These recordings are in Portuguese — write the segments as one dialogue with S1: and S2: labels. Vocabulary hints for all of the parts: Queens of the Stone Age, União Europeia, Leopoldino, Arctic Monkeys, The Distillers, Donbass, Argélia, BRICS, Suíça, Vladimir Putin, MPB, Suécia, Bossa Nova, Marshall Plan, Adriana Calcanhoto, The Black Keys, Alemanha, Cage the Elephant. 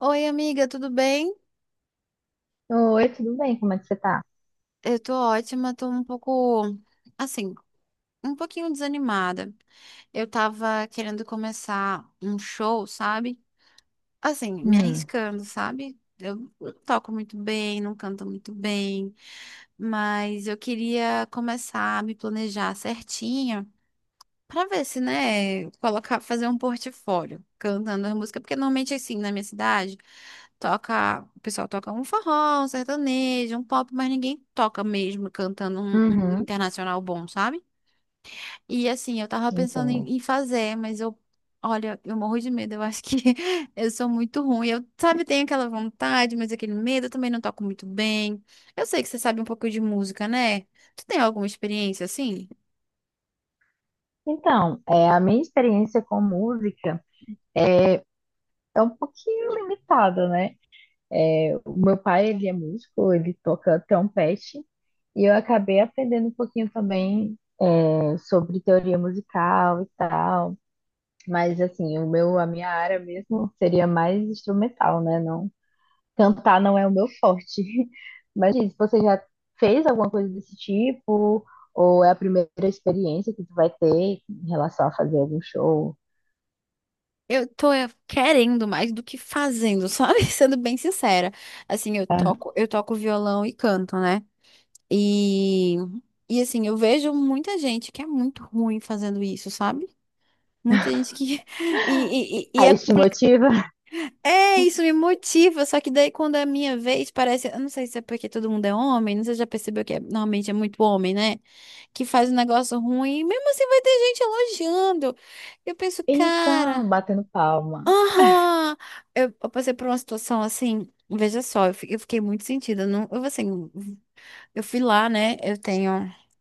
S1: Oi, amiga, tudo bem?
S2: Oi, tudo bem? Como é que você tá?
S1: Eu tô ótima, tô um pouco, assim, um pouquinho desanimada. Eu tava querendo começar um show, sabe? Assim, me
S2: Hum,
S1: arriscando, sabe? Eu não toco muito bem, não canto muito bem, mas eu queria começar a me planejar certinho. Pra ver se, né, colocar, fazer um portfólio cantando as músicas, porque normalmente assim, na minha cidade, o pessoal toca um forró, um sertanejo, um pop, mas ninguém toca mesmo cantando um
S2: uhum,
S1: internacional bom, sabe? E assim, eu tava pensando
S2: entendo.
S1: em fazer, mas eu, olha, eu morro de medo, eu acho que eu sou muito ruim. Eu, sabe, tenho aquela vontade, mas aquele medo, eu também não toco muito bem. Eu sei que você sabe um pouco de música, né? Tu tem alguma experiência assim?
S2: Então, a minha experiência com música é um pouquinho limitada, né? É, o meu pai, ele é músico, ele toca trompete, e eu acabei aprendendo um pouquinho também sobre teoria musical e tal. Mas, assim, a minha área mesmo seria mais instrumental, né? Não. Cantar não é o meu forte. Mas diz, você já fez alguma coisa desse tipo? Ou é a primeira experiência que tu vai ter em relação a fazer algum show?
S1: Eu tô querendo mais do que fazendo, sabe? Sendo bem sincera. Assim, eu
S2: Tá?
S1: toco, eu toco violão e canto, né? E, e assim, eu vejo muita gente que é muito ruim fazendo isso, sabe? Muita gente que. E é
S2: Aí te
S1: complicado.
S2: motiva?
S1: É, isso me motiva, só que daí quando é a minha vez, parece. Eu não sei se é porque todo mundo é homem, não sei se já percebeu normalmente é muito homem, né? Que faz um negócio ruim, e mesmo assim vai ter gente elogiando. Eu penso,
S2: Então,
S1: cara.
S2: batendo palma.
S1: Aham! Eu passei por uma situação assim, veja só, eu fiquei muito sentida. Não, eu, assim, eu fui lá, né? Eu tenho,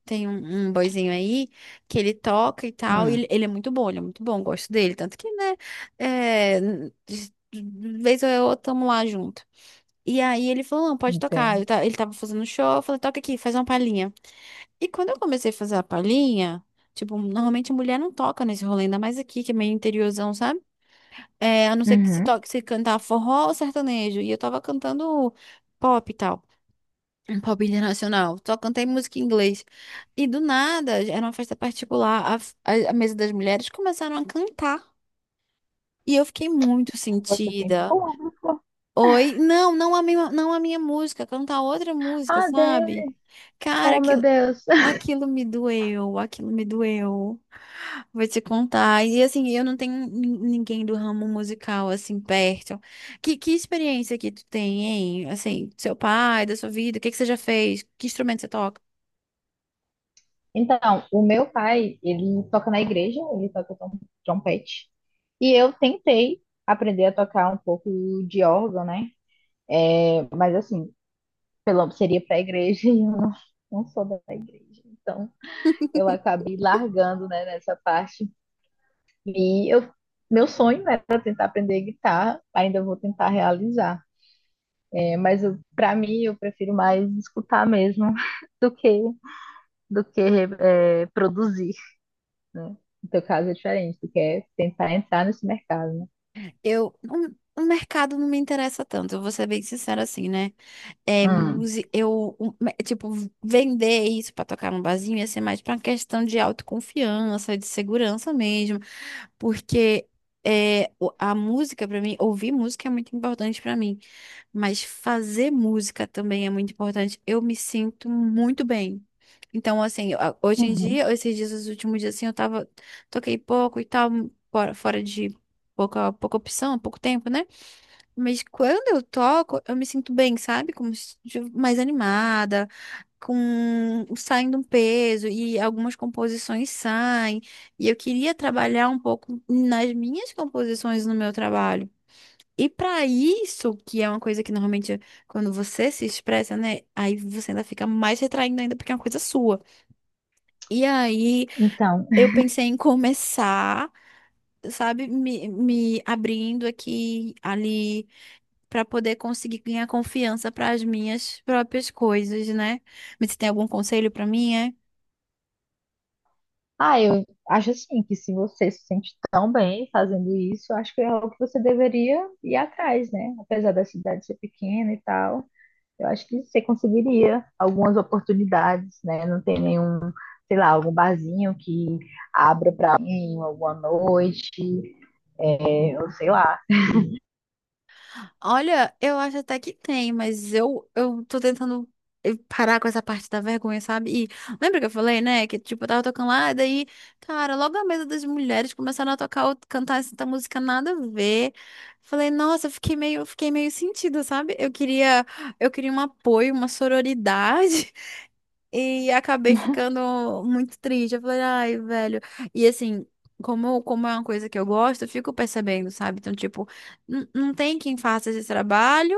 S1: tenho um boyzinho aí que ele toca e tal. E ele,
S2: Hum,
S1: ele é muito bom, ele é muito bom, gosto dele. Tanto que, né? É, de vez ou outra, tamo lá junto. E aí ele falou: não, pode tocar.
S2: entendo.
S1: Ele tava fazendo show, eu falei: toca aqui, faz uma palhinha. E quando eu comecei a fazer a palhinha, tipo, normalmente mulher não toca nesse rolê, ainda mais aqui, que é meio interiorzão, sabe? É, a não ser que se
S2: Uhum.
S1: toque, se cantar forró ou sertanejo. E eu tava cantando pop e tal. Um pop internacional. Só cantei música em inglês. E do nada, era uma festa particular. A mesa das mulheres começaram a cantar. E eu fiquei muito
S2: Você tem
S1: sentida.
S2: público.
S1: Oi, não, não a minha, não a minha música, cantar outra música,
S2: Ah,
S1: sabe?
S2: Deus.
S1: Cara,
S2: Oh, meu
S1: aquilo,
S2: Deus.
S1: aquilo me doeu, aquilo me doeu. Vou te contar. E assim, eu não tenho ninguém do ramo musical assim perto. Que experiência que tu tem, hein? Assim, do seu pai, da sua vida, o que que você já fez? Que instrumento você toca?
S2: Então, o meu pai, ele toca na igreja, ele toca trompete. E eu tentei aprender a tocar um pouco de órgão, né? É, mas assim, pelo menos seria para a igreja e eu não, não sou da igreja. Então, eu acabei largando, né, nessa parte. E eu, meu sonho era tentar aprender guitarra, ainda vou tentar realizar. É, mas para mim, eu prefiro mais escutar mesmo do que, do que produzir, né? No teu caso é diferente, tu quer tentar entrar nesse mercado, né?
S1: O mercado não me interessa tanto, eu vou ser bem sincera assim, né?
S2: Hum.
S1: Música, tipo, vender isso pra tocar num barzinho ia ser mais pra uma questão de autoconfiança, de segurança mesmo. Porque a música pra mim, ouvir música é muito importante pra mim. Mas fazer música também é muito importante. Eu me sinto muito bem. Então, assim, hoje em
S2: Uhum.
S1: dia, esses dias, os últimos dias, assim, toquei pouco e tal, fora de pouca opção, pouco tempo, né? Mas quando eu toco, eu me sinto bem, sabe? Como se- Mais animada, com saindo um peso e algumas composições saem. E eu queria trabalhar um pouco nas minhas composições no meu trabalho. E para isso, que é uma coisa que normalmente quando você se expressa, né, aí você ainda fica mais retraindo ainda porque é uma coisa sua. E aí
S2: Então,
S1: eu pensei em começar, sabe, me abrindo aqui, ali, para poder conseguir ganhar confiança para as minhas próprias coisas, né? Mas você tem algum conselho para mim? É?
S2: ah, eu acho assim que se você se sente tão bem fazendo isso, eu acho que é algo que você deveria ir atrás, né? Apesar da cidade ser pequena e tal, eu acho que você conseguiria algumas oportunidades, né? Não tem nenhum, sei lá, algum barzinho que abra pra alguém alguma noite, é, ou sei lá.
S1: Olha, eu acho até que tem, mas eu tô tentando parar com essa parte da vergonha, sabe? E lembra que eu falei, né? Que tipo, eu tava tocando lá, e daí, cara, logo a mesa das mulheres começaram a tocar, cantar essa música nada a ver. Falei, nossa, eu fiquei meio sentida, sabe? Eu queria um apoio, uma sororidade. E acabei ficando muito triste. Eu falei, ai, velho. E assim, como é uma coisa que eu gosto, eu fico percebendo, sabe? Então, tipo, não tem quem faça esse trabalho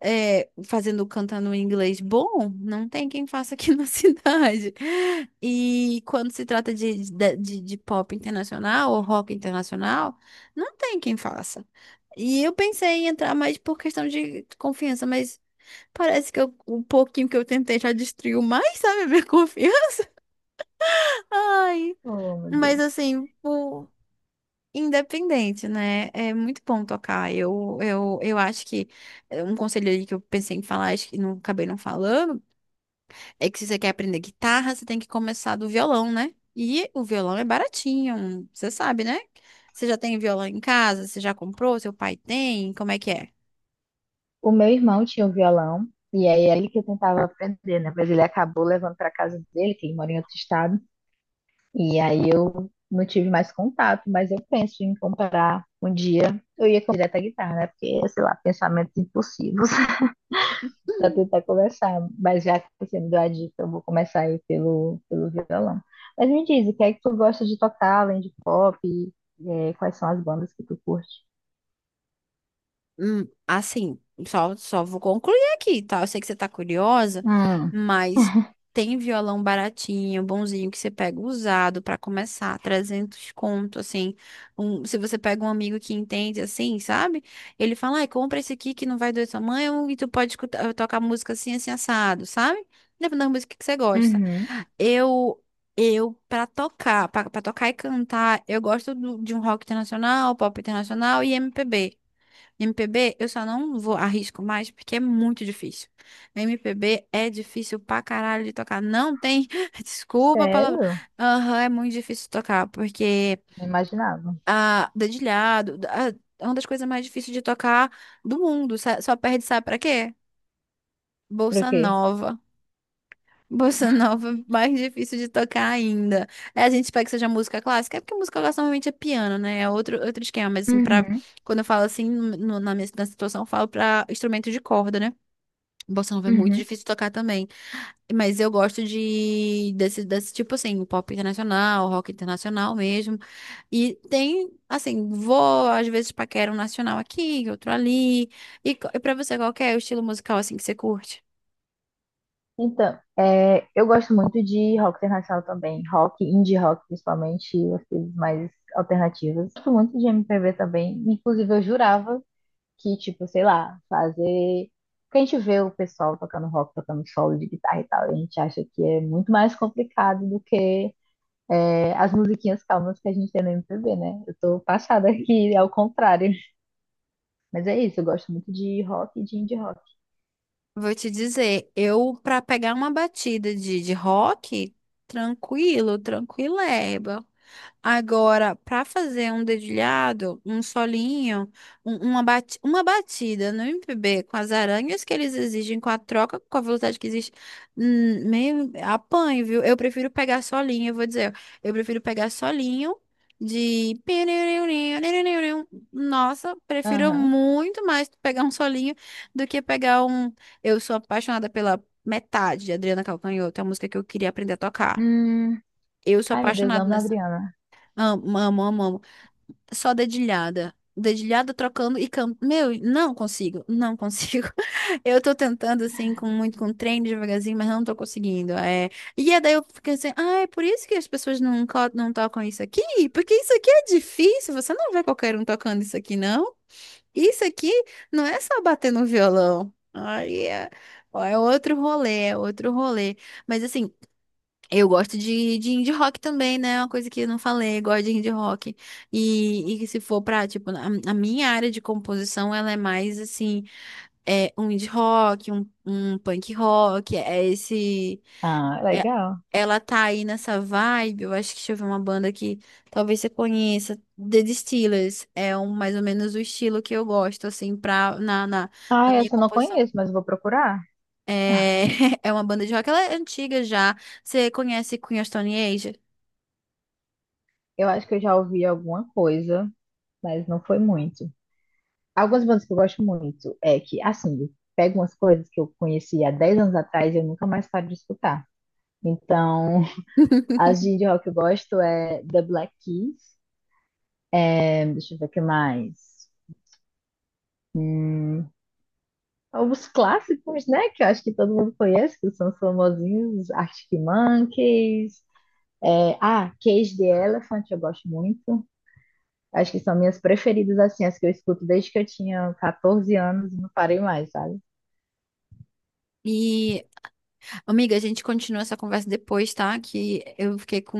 S1: fazendo cantando em inglês bom, não tem quem faça aqui na cidade. E quando se trata de pop internacional ou rock internacional, não tem quem faça. E eu pensei em entrar mais por questão de confiança, mas parece que o pouquinho que eu tentei já destruiu mais, sabe, a minha confiança. Ai,
S2: Oh, meu
S1: mas
S2: Deus.
S1: assim, independente, né? É muito bom tocar. Eu acho que é um conselho aí que eu pensei em falar, acho que não acabei não falando, é que se você quer aprender guitarra, você tem que começar do violão, né? E o violão é baratinho, você sabe, né? Você já tem violão em casa? Você já comprou? Seu pai tem? Como é que é?
S2: O meu irmão tinha um violão e aí é ele que eu tentava aprender, né? Mas ele acabou levando pra casa dele, que ele mora em outro estado. E aí eu não tive mais contato, mas eu penso em comprar um dia. Eu ia com direto à guitarra, né? Porque, sei lá, pensamentos impossíveis para tentar começar. Mas já que você me deu a dica, eu vou começar aí pelo violão. Mas me diz, o que é que tu gosta de tocar além de pop? E, é, quais são as bandas que tu curte?
S1: Assim, só vou concluir aqui, tá? Eu sei que você tá curiosa,
S2: Hum,
S1: mas tem violão baratinho, bonzinho, que você pega usado pra começar, 300 conto, assim. Se você pega um amigo que entende, assim, sabe? Ele fala, ai, compra esse aqui que não vai doer sua mãe, e tu pode escutar, tocar música assim, assim, assado, sabe? Depende da música que você gosta.
S2: uhum.
S1: Eu... Eu, pra tocar, pra, pra tocar e cantar, eu gosto de um rock internacional, pop internacional e MPB. MPB, eu só não vou arrisco mais porque é muito difícil. MPB é difícil pra caralho de tocar. Não tem, desculpa a palavra.
S2: Sério?
S1: Aham, é muito difícil de tocar porque
S2: Não imaginava.
S1: dedilhado, é uma das coisas mais difíceis de tocar do mundo. Só perde, sabe pra quê?
S2: Por
S1: Bolsa
S2: quê?
S1: Nova. Bossa nova, é mais difícil de tocar ainda. É, a gente espera que seja música clássica, é porque música clássica normalmente é piano, né? É outro esquema, mas assim,
S2: Uhum,
S1: quando eu falo assim, na situação, eu falo pra instrumento de corda, né? Bossa nova é muito
S2: uhum.
S1: difícil de tocar também. Mas eu gosto desse tipo assim, pop internacional, rock internacional mesmo. E tem, assim, vou às vezes paquera um nacional aqui, outro ali. E pra você, qual que é o estilo musical assim que você curte?
S2: Então, eu gosto muito de rock internacional também, rock, indie rock principalmente, as coisas mais alternativas. Gosto muito de MPB também, inclusive eu jurava que, tipo, sei lá, fazer. Porque a gente vê o pessoal tocando rock, tocando solo de guitarra e tal, e a gente acha que é muito mais complicado do que as musiquinhas calmas que a gente tem no MPB, né? Eu tô passada aqui, é o contrário. Mas é isso, eu gosto muito de rock e de indie rock.
S1: Vou te dizer, eu para pegar uma batida de rock, tranquilo, tranquileba. Agora, para fazer um dedilhado, um solinho, uma batida no MPB com as aranhas que eles exigem, com a troca, com a velocidade que existe, meio apanho, viu? Eu prefiro pegar solinho, eu vou dizer, eu prefiro pegar solinho de. Nossa, prefiro
S2: Aham.
S1: muito mais pegar um solinho do que pegar um. Eu sou apaixonada pela metade de Adriana Calcanhoto, é a música que eu queria aprender a tocar.
S2: Hum,
S1: Eu sou
S2: ai, meu Deus,
S1: apaixonada
S2: amo a
S1: nessa.
S2: Adriana.
S1: Amo, amo, amo, amo. Só dedilhada. Dedilhada trocando e canto. Meu, não consigo, não consigo. Eu tô tentando, assim, com muito com treino devagarzinho, mas não tô conseguindo. E aí daí eu fiquei assim, ah, é por isso que as pessoas não tocam isso aqui? Porque isso aqui é difícil, você não vê qualquer um tocando isso aqui, não. Isso aqui não é só bater no violão. Aí é, ó, é outro rolê, é outro rolê. Mas assim. Eu gosto de indie rock também, né? É uma coisa que eu não falei, gosto de indie rock. E que se for pra, tipo, a minha área de composição, ela é mais assim, é um indie rock, um punk rock, é esse.
S2: Ah,
S1: é-
S2: legal.
S1: Ela tá aí nessa vibe. Eu acho que deixa eu ver uma banda que talvez você conheça, The Distillers. É mais ou menos o estilo que eu gosto, assim, na
S2: Ah,
S1: minha
S2: essa eu não
S1: composição.
S2: conheço, mas vou procurar.
S1: É, é uma banda de rock, ela é antiga já. Você conhece Queen of Stone Age?
S2: Eu acho que eu já ouvi alguma coisa, mas não foi muito. Algumas bandas que eu gosto muito é que, assim, pego umas coisas que eu conheci há 10 anos atrás e eu nunca mais paro de escutar. Então, as de rock que eu gosto é The Black Keys, é, deixa eu ver o que mais. Hum, alguns clássicos, né, que eu acho que todo mundo conhece, que são os famosinhos, Arctic Monkeys. É, ah, Cage the Elephant eu gosto muito. Acho que são minhas preferidas, assim, as que eu escuto desde que eu tinha 14 anos e não parei mais, sabe?
S1: E, amiga, a gente continua essa conversa depois, tá? Que eu fiquei com,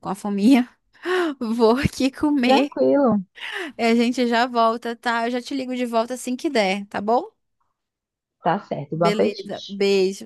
S1: com a fominha. Vou aqui comer.
S2: Tranquilo,
S1: E a gente já volta, tá? Eu já te ligo de volta assim que der, tá bom?
S2: tá certo. Bom
S1: Beleza,
S2: apetite.
S1: beijo.